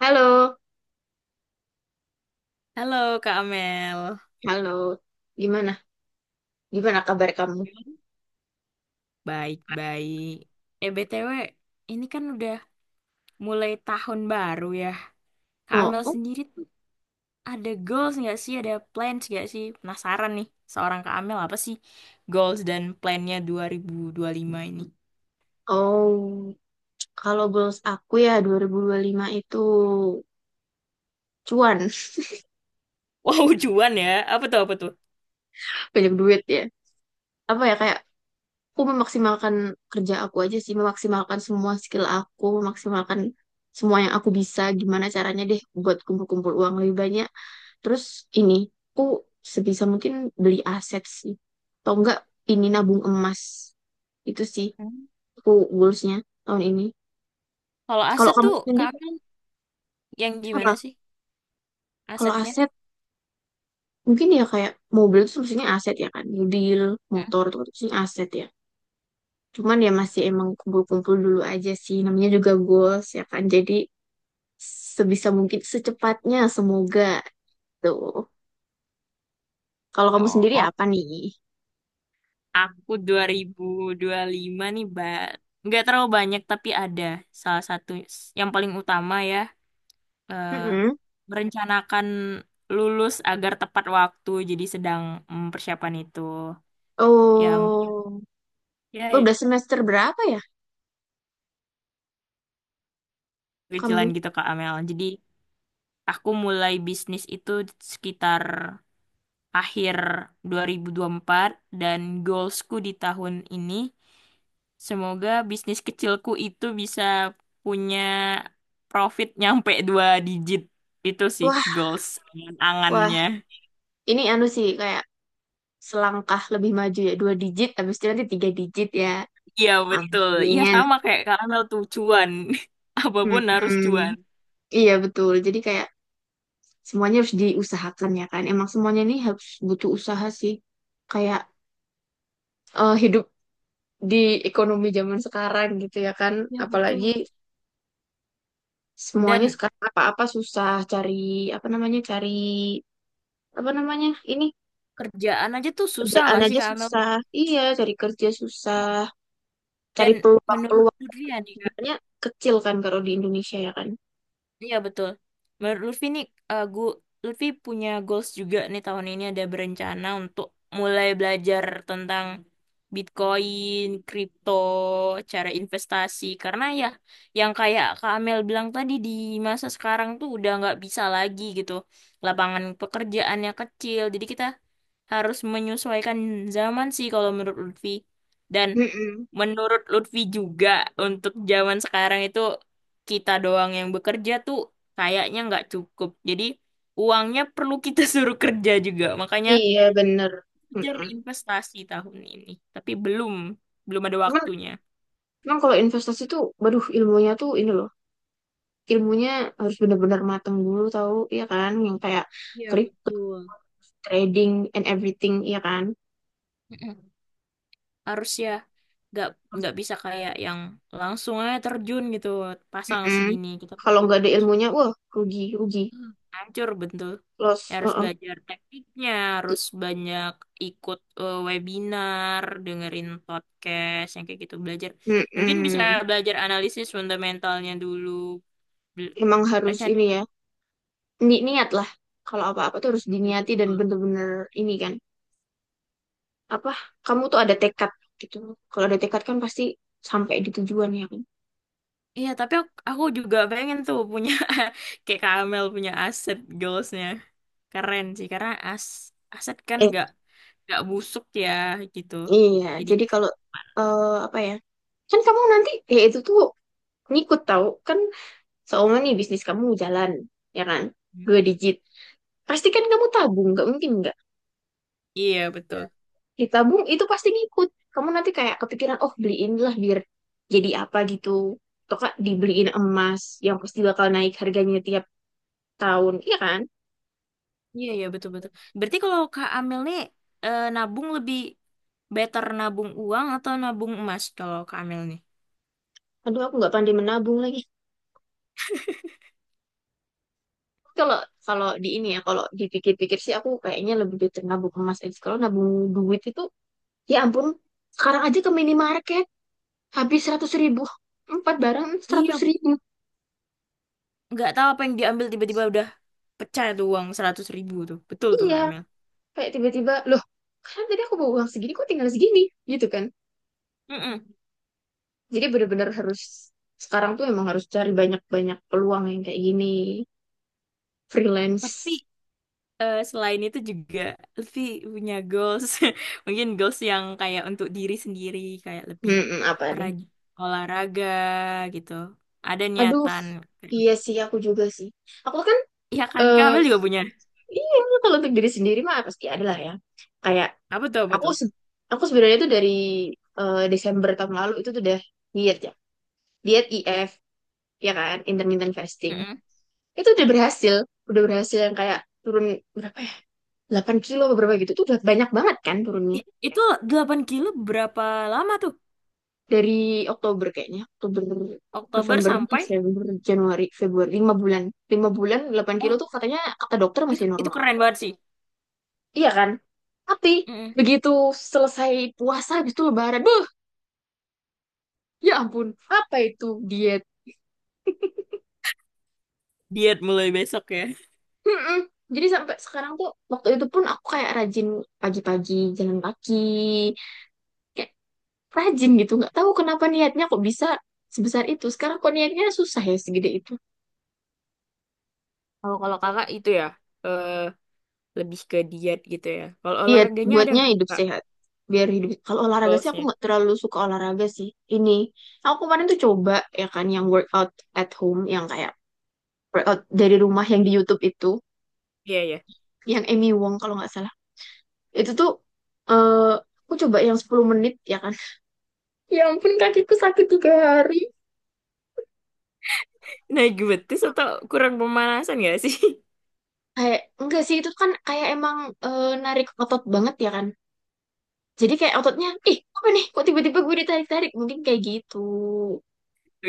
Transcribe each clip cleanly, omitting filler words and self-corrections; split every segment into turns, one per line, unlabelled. Halo,
Halo Kak Amel.
halo. Gimana? Gimana kabar kamu?
Baik-baik. Eh, BTW, ini kan udah mulai tahun baru ya. Kak
Oh,
Amel
oh,
sendiri tuh ada goals nggak sih? Ada plans nggak sih? Penasaran nih, seorang Kak Amel apa sih goals dan plannya dua 2025 ini?
oh. Kalau goals aku ya 2025 itu cuan,
Wow, cuan ya. Apa tuh, apa tuh?
banyak duit ya. Apa ya kayak aku memaksimalkan kerja aku aja sih, memaksimalkan semua skill aku, memaksimalkan semua yang aku bisa. Gimana caranya deh buat kumpul-kumpul uang lebih banyak. Terus ini, aku sebisa mungkin beli aset sih. Atau enggak ini nabung emas. Itu sih
Hmm.
aku goalsnya tahun ini.
Kalau
Kalau
aset
kamu
tuh
sendiri
Kak Amel yang
apa?
gimana sih
Kalau
asetnya?
aset mungkin ya kayak mobil itu maksudnya aset ya kan, mobil, motor itu kan maksudnya aset ya. Cuman ya masih emang kumpul-kumpul dulu aja sih, namanya juga goals ya kan. Jadi sebisa mungkin secepatnya semoga tuh. Kalau kamu sendiri apa nih?
Aku dua 2025 nih, Mbak. Nggak terlalu banyak, tapi ada salah satu yang paling utama ya. eh,
Mm-mm.
Merencanakan lulus agar tepat waktu, jadi sedang mempersiapkan itu. Yang
Oh,
Ya, ya,
udah semester berapa ya
kecilan
kamu?
gitu Kak Amel. Jadi aku mulai bisnis itu sekitar akhir 2024 dan goalsku di tahun ini semoga bisnis kecilku itu bisa punya profit nyampe dua digit. Itu sih
Wah,
goals
wah,
angannya.
ini anu sih kayak selangkah lebih maju ya, dua digit, habis itu nanti tiga digit ya.
Iya betul. Iya
Amin.
sama kayak karena tuh cuan. Apapun harus
Mm-mm.
cuan.
Iya betul. Jadi kayak semuanya harus diusahakan ya kan. Emang semuanya ini harus butuh usaha sih. Kayak hidup di ekonomi zaman sekarang gitu ya kan.
Iya
Apalagi
betul.
semuanya
Dan
sekarang apa-apa susah cari apa namanya ini
kerjaan aja tuh susah
kerjaan
gak sih
aja
Kak Amel?
susah. Iya, cari kerja susah.
Dan
Cari
menurut
peluang-peluang
Putri ya nih Kak.
sebenarnya kecil kan kalau di Indonesia ya kan.
Iya betul. Menurut Lutfi nih, eh, gu- Lutfi punya goals juga nih tahun ini ada berencana untuk mulai belajar tentang Bitcoin, kripto, cara investasi. Karena ya, yang kayak Kak Amel bilang tadi di masa sekarang tuh udah nggak bisa lagi gitu. Lapangan pekerjaannya kecil, jadi kita harus menyesuaikan zaman sih kalau menurut Lutfi. Dan
Mm-mm.
menurut Lutfi juga untuk zaman sekarang itu kita doang yang bekerja tuh kayaknya nggak cukup. Jadi uangnya perlu kita suruh kerja juga. Makanya
Iya bener.
kejar
Mm-mm.
investasi tahun ini. Tapi belum ada
Cuman,
waktunya.
cuman kalau investasi tuh, waduh ilmunya tuh ini loh. Ilmunya harus benar-benar matang dulu tahu iya kan yang kayak
Iya,
crypto
betul.
trading and everything iya kan.
Mm-mm. Harusnya nggak nggak bisa kayak yang langsung aja terjun gitu pasang
Mm-mm.
segini kita
Kalau
perlu
nggak ada ilmunya wah rugi rugi
hancur betul. Ya,
loss
harus
uh-uh.
belajar tekniknya harus banyak ikut webinar dengerin podcast yang kayak gitu belajar mungkin bisa
Mm-mm.
belajar analisis fundamentalnya dulu. Bel-
Emang harus
Rencana
ini ya, niat lah. Kalau apa-apa tuh harus diniati dan
betul.
bener-bener ini kan. Apa, kamu tuh ada tekad gitu. Kalau ada tekad kan pasti sampai di tujuan ya kan.
Iya tapi aku juga pengen tuh punya kayak Kamel punya aset goalsnya keren sih karena aset kan
Eh,
nggak busuk ya gitu
iya.
jadi
Jadi kalau, apa ya. Kan kamu nanti, ya itu tuh ngikut tahu. Kan seumur nih bisnis kamu jalan, ya kan? Dua digit. Pasti kan kamu tabung, nggak mungkin nggak.
iya
Iya.
betul.
Ditabung itu pasti ngikut. Kamu nanti kayak kepikiran, oh beliin lah biar jadi apa gitu. Atau kak dibeliin emas yang pasti bakal naik harganya tiap tahun, iya kan?
Iya, iya, betul-betul. Berarti kalau Kak Amel nih nabung lebih better nabung uang atau nabung emas kalau Kak Amel nih?
Aduh, aku nggak pandai menabung lagi. Kalau kalau di ini ya, kalau dipikir-pikir sih aku kayaknya lebih better nabung emas aja. Kalau nabung duit itu, ya ampun, sekarang aja ke minimarket habis 100 ribu, empat barang seratus
Iya,
ribu.
nggak tahu apa yang diambil tiba-tiba udah pecah tuh uang 100.000 tuh. Betul tuh
Iya,
Kak Amel.
kayak tiba-tiba loh kan tadi aku bawa uang segini kok tinggal segini gitu kan
Mm-mm.
jadi bener-bener harus sekarang tuh emang harus cari banyak-banyak peluang yang kayak gini
Tapi
freelance.
selain itu juga Lutfi punya goals. Mungkin goals yang kayak untuk diri sendiri. Kayak lebih
Mm-mm, apa nih.
rajin olahraga gitu. Ada
Aduh
niatan.
iya sih aku juga sih aku kan
Iya kan, Kak
eh
Amel juga punya.
iya kalau untuk diri sendiri mah pasti ada lah ya kayak
Apa tuh, apa
aku se- aku sebenarnya tuh dari Desember tahun lalu itu tuh udah diet ya diet IF ya kan intermittent fasting
tuh?
itu udah berhasil yang kayak turun berapa ya 8 kilo beberapa gitu tuh udah banyak banget kan turunnya
Itu 8 kilo berapa lama tuh?
dari Oktober kayaknya Oktober
Oktober
November
sampai.
Desember Januari Februari lima bulan 8 kilo
Oh,
tuh katanya kata dokter masih
itu
normal
keren banget sih.
iya kan tapi
Mm-mm.
begitu selesai puasa habis itu lebaran beuh ya ampun apa itu diet.
Diet mulai besok ya.
Mm-mm. Jadi sampai sekarang tuh waktu itu pun aku kayak rajin pagi-pagi jalan kaki kayak rajin gitu nggak tahu kenapa niatnya kok bisa sebesar itu sekarang kok niatnya susah ya segede itu.
Kalau Kalau kakak itu ya eh, lebih ke diet gitu ya. Kalau
Iya,
olahraganya ada
buatnya
nggak
hidup
kak
sehat. Biar hidup. Kalau olahraga sih aku
goalsnya?
nggak terlalu suka olahraga sih. Ini, aku kemarin tuh coba ya kan yang workout at home, yang kayak workout dari rumah yang di YouTube itu,
Iya ya.
yang Amy Wong kalau nggak salah. Itu tuh eh aku coba yang 10 menit ya kan. Ya ampun kakiku sakit 3 hari.
Naik betis atau kurang pemanasan nggak sih?
Kayak enggak sih itu kan kayak emang narik otot banget ya kan. Jadi kayak ototnya, ih apa nih? Kok tiba-tiba gue ditarik-tarik? Mungkin kayak gitu.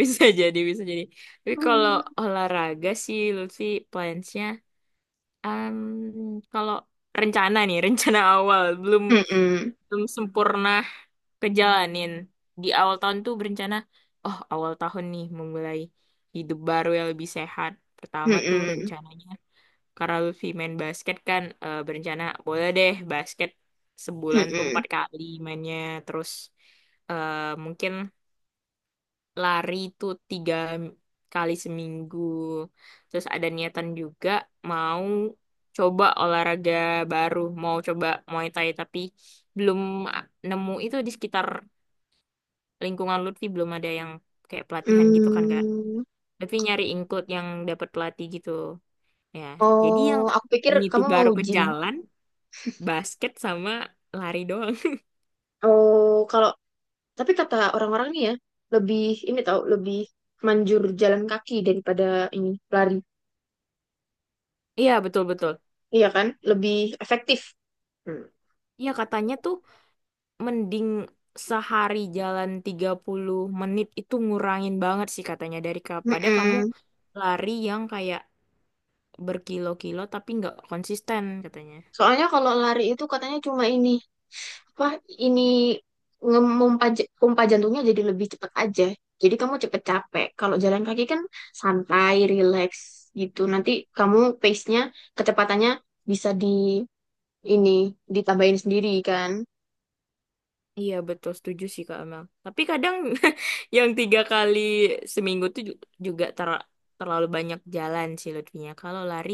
Bisa jadi, bisa jadi. Tapi kalau
Hmm.
olahraga sih, Lutfi plansnya, em, kalau rencana nih, rencana awal belum
Mm-mm.
belum sempurna kejalanin. Di awal tahun tuh berencana, oh awal tahun nih memulai hidup baru yang lebih sehat. Pertama tuh
Mm-mm.
rencananya, karena Lutfi main basket kan, berencana boleh deh basket sebulan tuh
Mm-mm.
empat kali mainnya. Terus eh, mungkin lari itu tiga kali seminggu. Terus ada niatan juga mau coba olahraga baru, mau coba Muay Thai tapi belum nemu itu di sekitar lingkungan Lutfi belum ada yang kayak pelatihan gitu kan Kak.
Hmm.
Tapi nyari include yang dapat pelatih gitu. Ya, jadi
Oh,
yang tak
aku pikir
ini tuh
kamu mau
baru ke
gym.
jalan basket sama lari doang.
Oh, kalau tapi kata orang-orang nih ya, lebih ini tahu lebih manjur jalan kaki daripada ini lari.
Iya, betul-betul.
Iya kan? Lebih efektif. Hmm.
Iya, katanya tuh mending sehari jalan 30 menit itu ngurangin banget sih katanya dari kepada kamu
Mm-mm.
lari yang kayak berkilo-kilo tapi nggak konsisten katanya.
Soalnya kalau lari itu katanya cuma ini apa ini pompa jantungnya jadi lebih cepat aja. Jadi kamu cepet capek. Kalau jalan kaki kan santai, relax gitu. Nanti kamu pace-nya, kecepatannya bisa di ini ditambahin sendiri kan.
Iya betul setuju sih Kak Amel. Tapi kadang yang tiga kali seminggu tuh juga terlalu banyak jalan sih Lutfinya. Kalau lari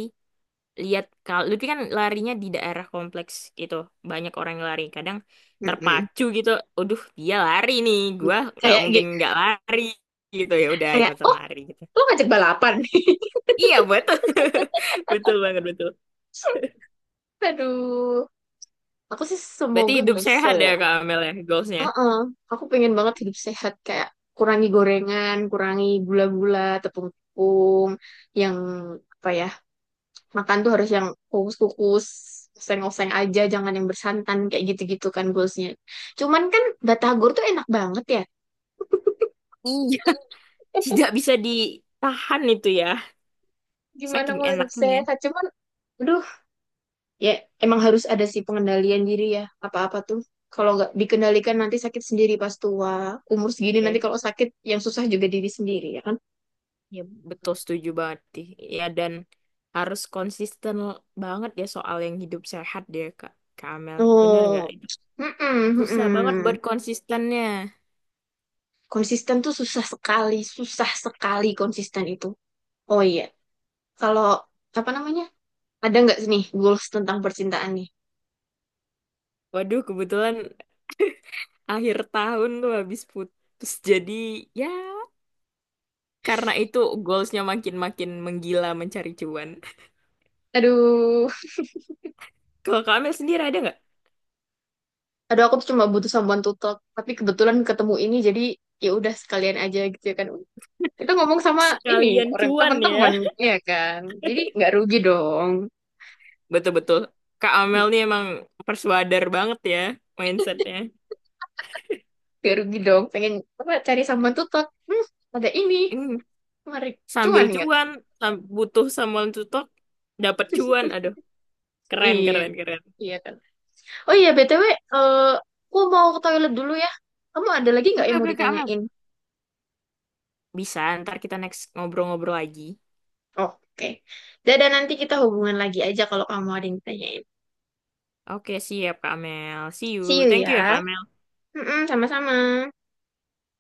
lihat kalau Lutfi kan larinya di daerah kompleks gitu banyak orang yang lari kadang
Mm-mm.
terpacu gitu aduh dia lari nih gua nggak
Kayak
mungkin
gi-
nggak lari gitu ya udah
kayak
ikutan
oh
lari gitu
lu ngajak balapan.
iya betul. Betul banget betul
Aduh, aku sih
berarti
semoga
hidup
bisa.
sehat ya Kak Amel ya goalsnya.
Heeh, aku pengen banget hidup sehat kayak kurangi gorengan, kurangi gula-gula, tepung-tepung, yang apa ya makan tuh harus yang kukus-kukus, oseng-oseng aja, jangan yang bersantan kayak gitu-gitu kan goalsnya. Cuman kan batagor tuh enak banget ya.
Iya. Tidak bisa ditahan itu ya
Gimana
saking
mau hidup
enaknya.
sehat? Cuman, aduh, ya emang harus ada sih pengendalian diri ya. Apa-apa tuh. Kalau nggak dikendalikan nanti sakit sendiri pas tua. Umur segini nanti
Iya,
kalau sakit yang susah juga diri sendiri ya kan?
ya betul setuju banget sih. Ya dan harus konsisten banget ya soal yang hidup sehat deh Kak Kak Amel bener nggak.
Tuh. Mm-mm,
Susah banget buat
mm-mm.
konsistennya.
Konsisten tuh susah sekali konsisten itu. Oh iya, kalau apa namanya? Ada nggak sih nih goals tentang percintaan nih?
Waduh, kebetulan akhir tahun tuh habis putus. Jadi ya karena itu goalsnya makin-makin menggila mencari cuan.
Aduh,
Kalau Kak Amel sendiri ada nggak?
aduh, aku tuh cuma butuh someone to talk, tapi kebetulan ketemu ini jadi ya udah sekalian aja gitu ya kan. Kita ngomong sama ini
Sekalian
orang
cuan
teman-teman
ya.
ya kan. Jadi nggak rugi dong.
Betul-betul. Kak
Hmm,
Amel nih emang persuader banget ya mindsetnya.
nggak rugi dong. Pengen apa cari someone to talk. Hmm, ada ini.
Hmm,
Mari.
sambil
Cuan kan?
cuan, butuh someone to talk, dapat cuan. Aduh, keren,
Iya,
keren, keren.
iya kan. Oh iya, BTW, aku mau ke toilet dulu ya. Kamu ada lagi nggak
Oke,
yang mau
oke Kak Amel.
ditanyain?
Bisa, ntar kita next ngobrol-ngobrol lagi.
Oke. Dadah, nanti kita hubungan lagi aja kalau kamu ada yang ditanyain.
Oke, siap Kak Mel. See you.
See you
Thank you ya
ya.
Kak Mel.
Mm-mm, sama-sama.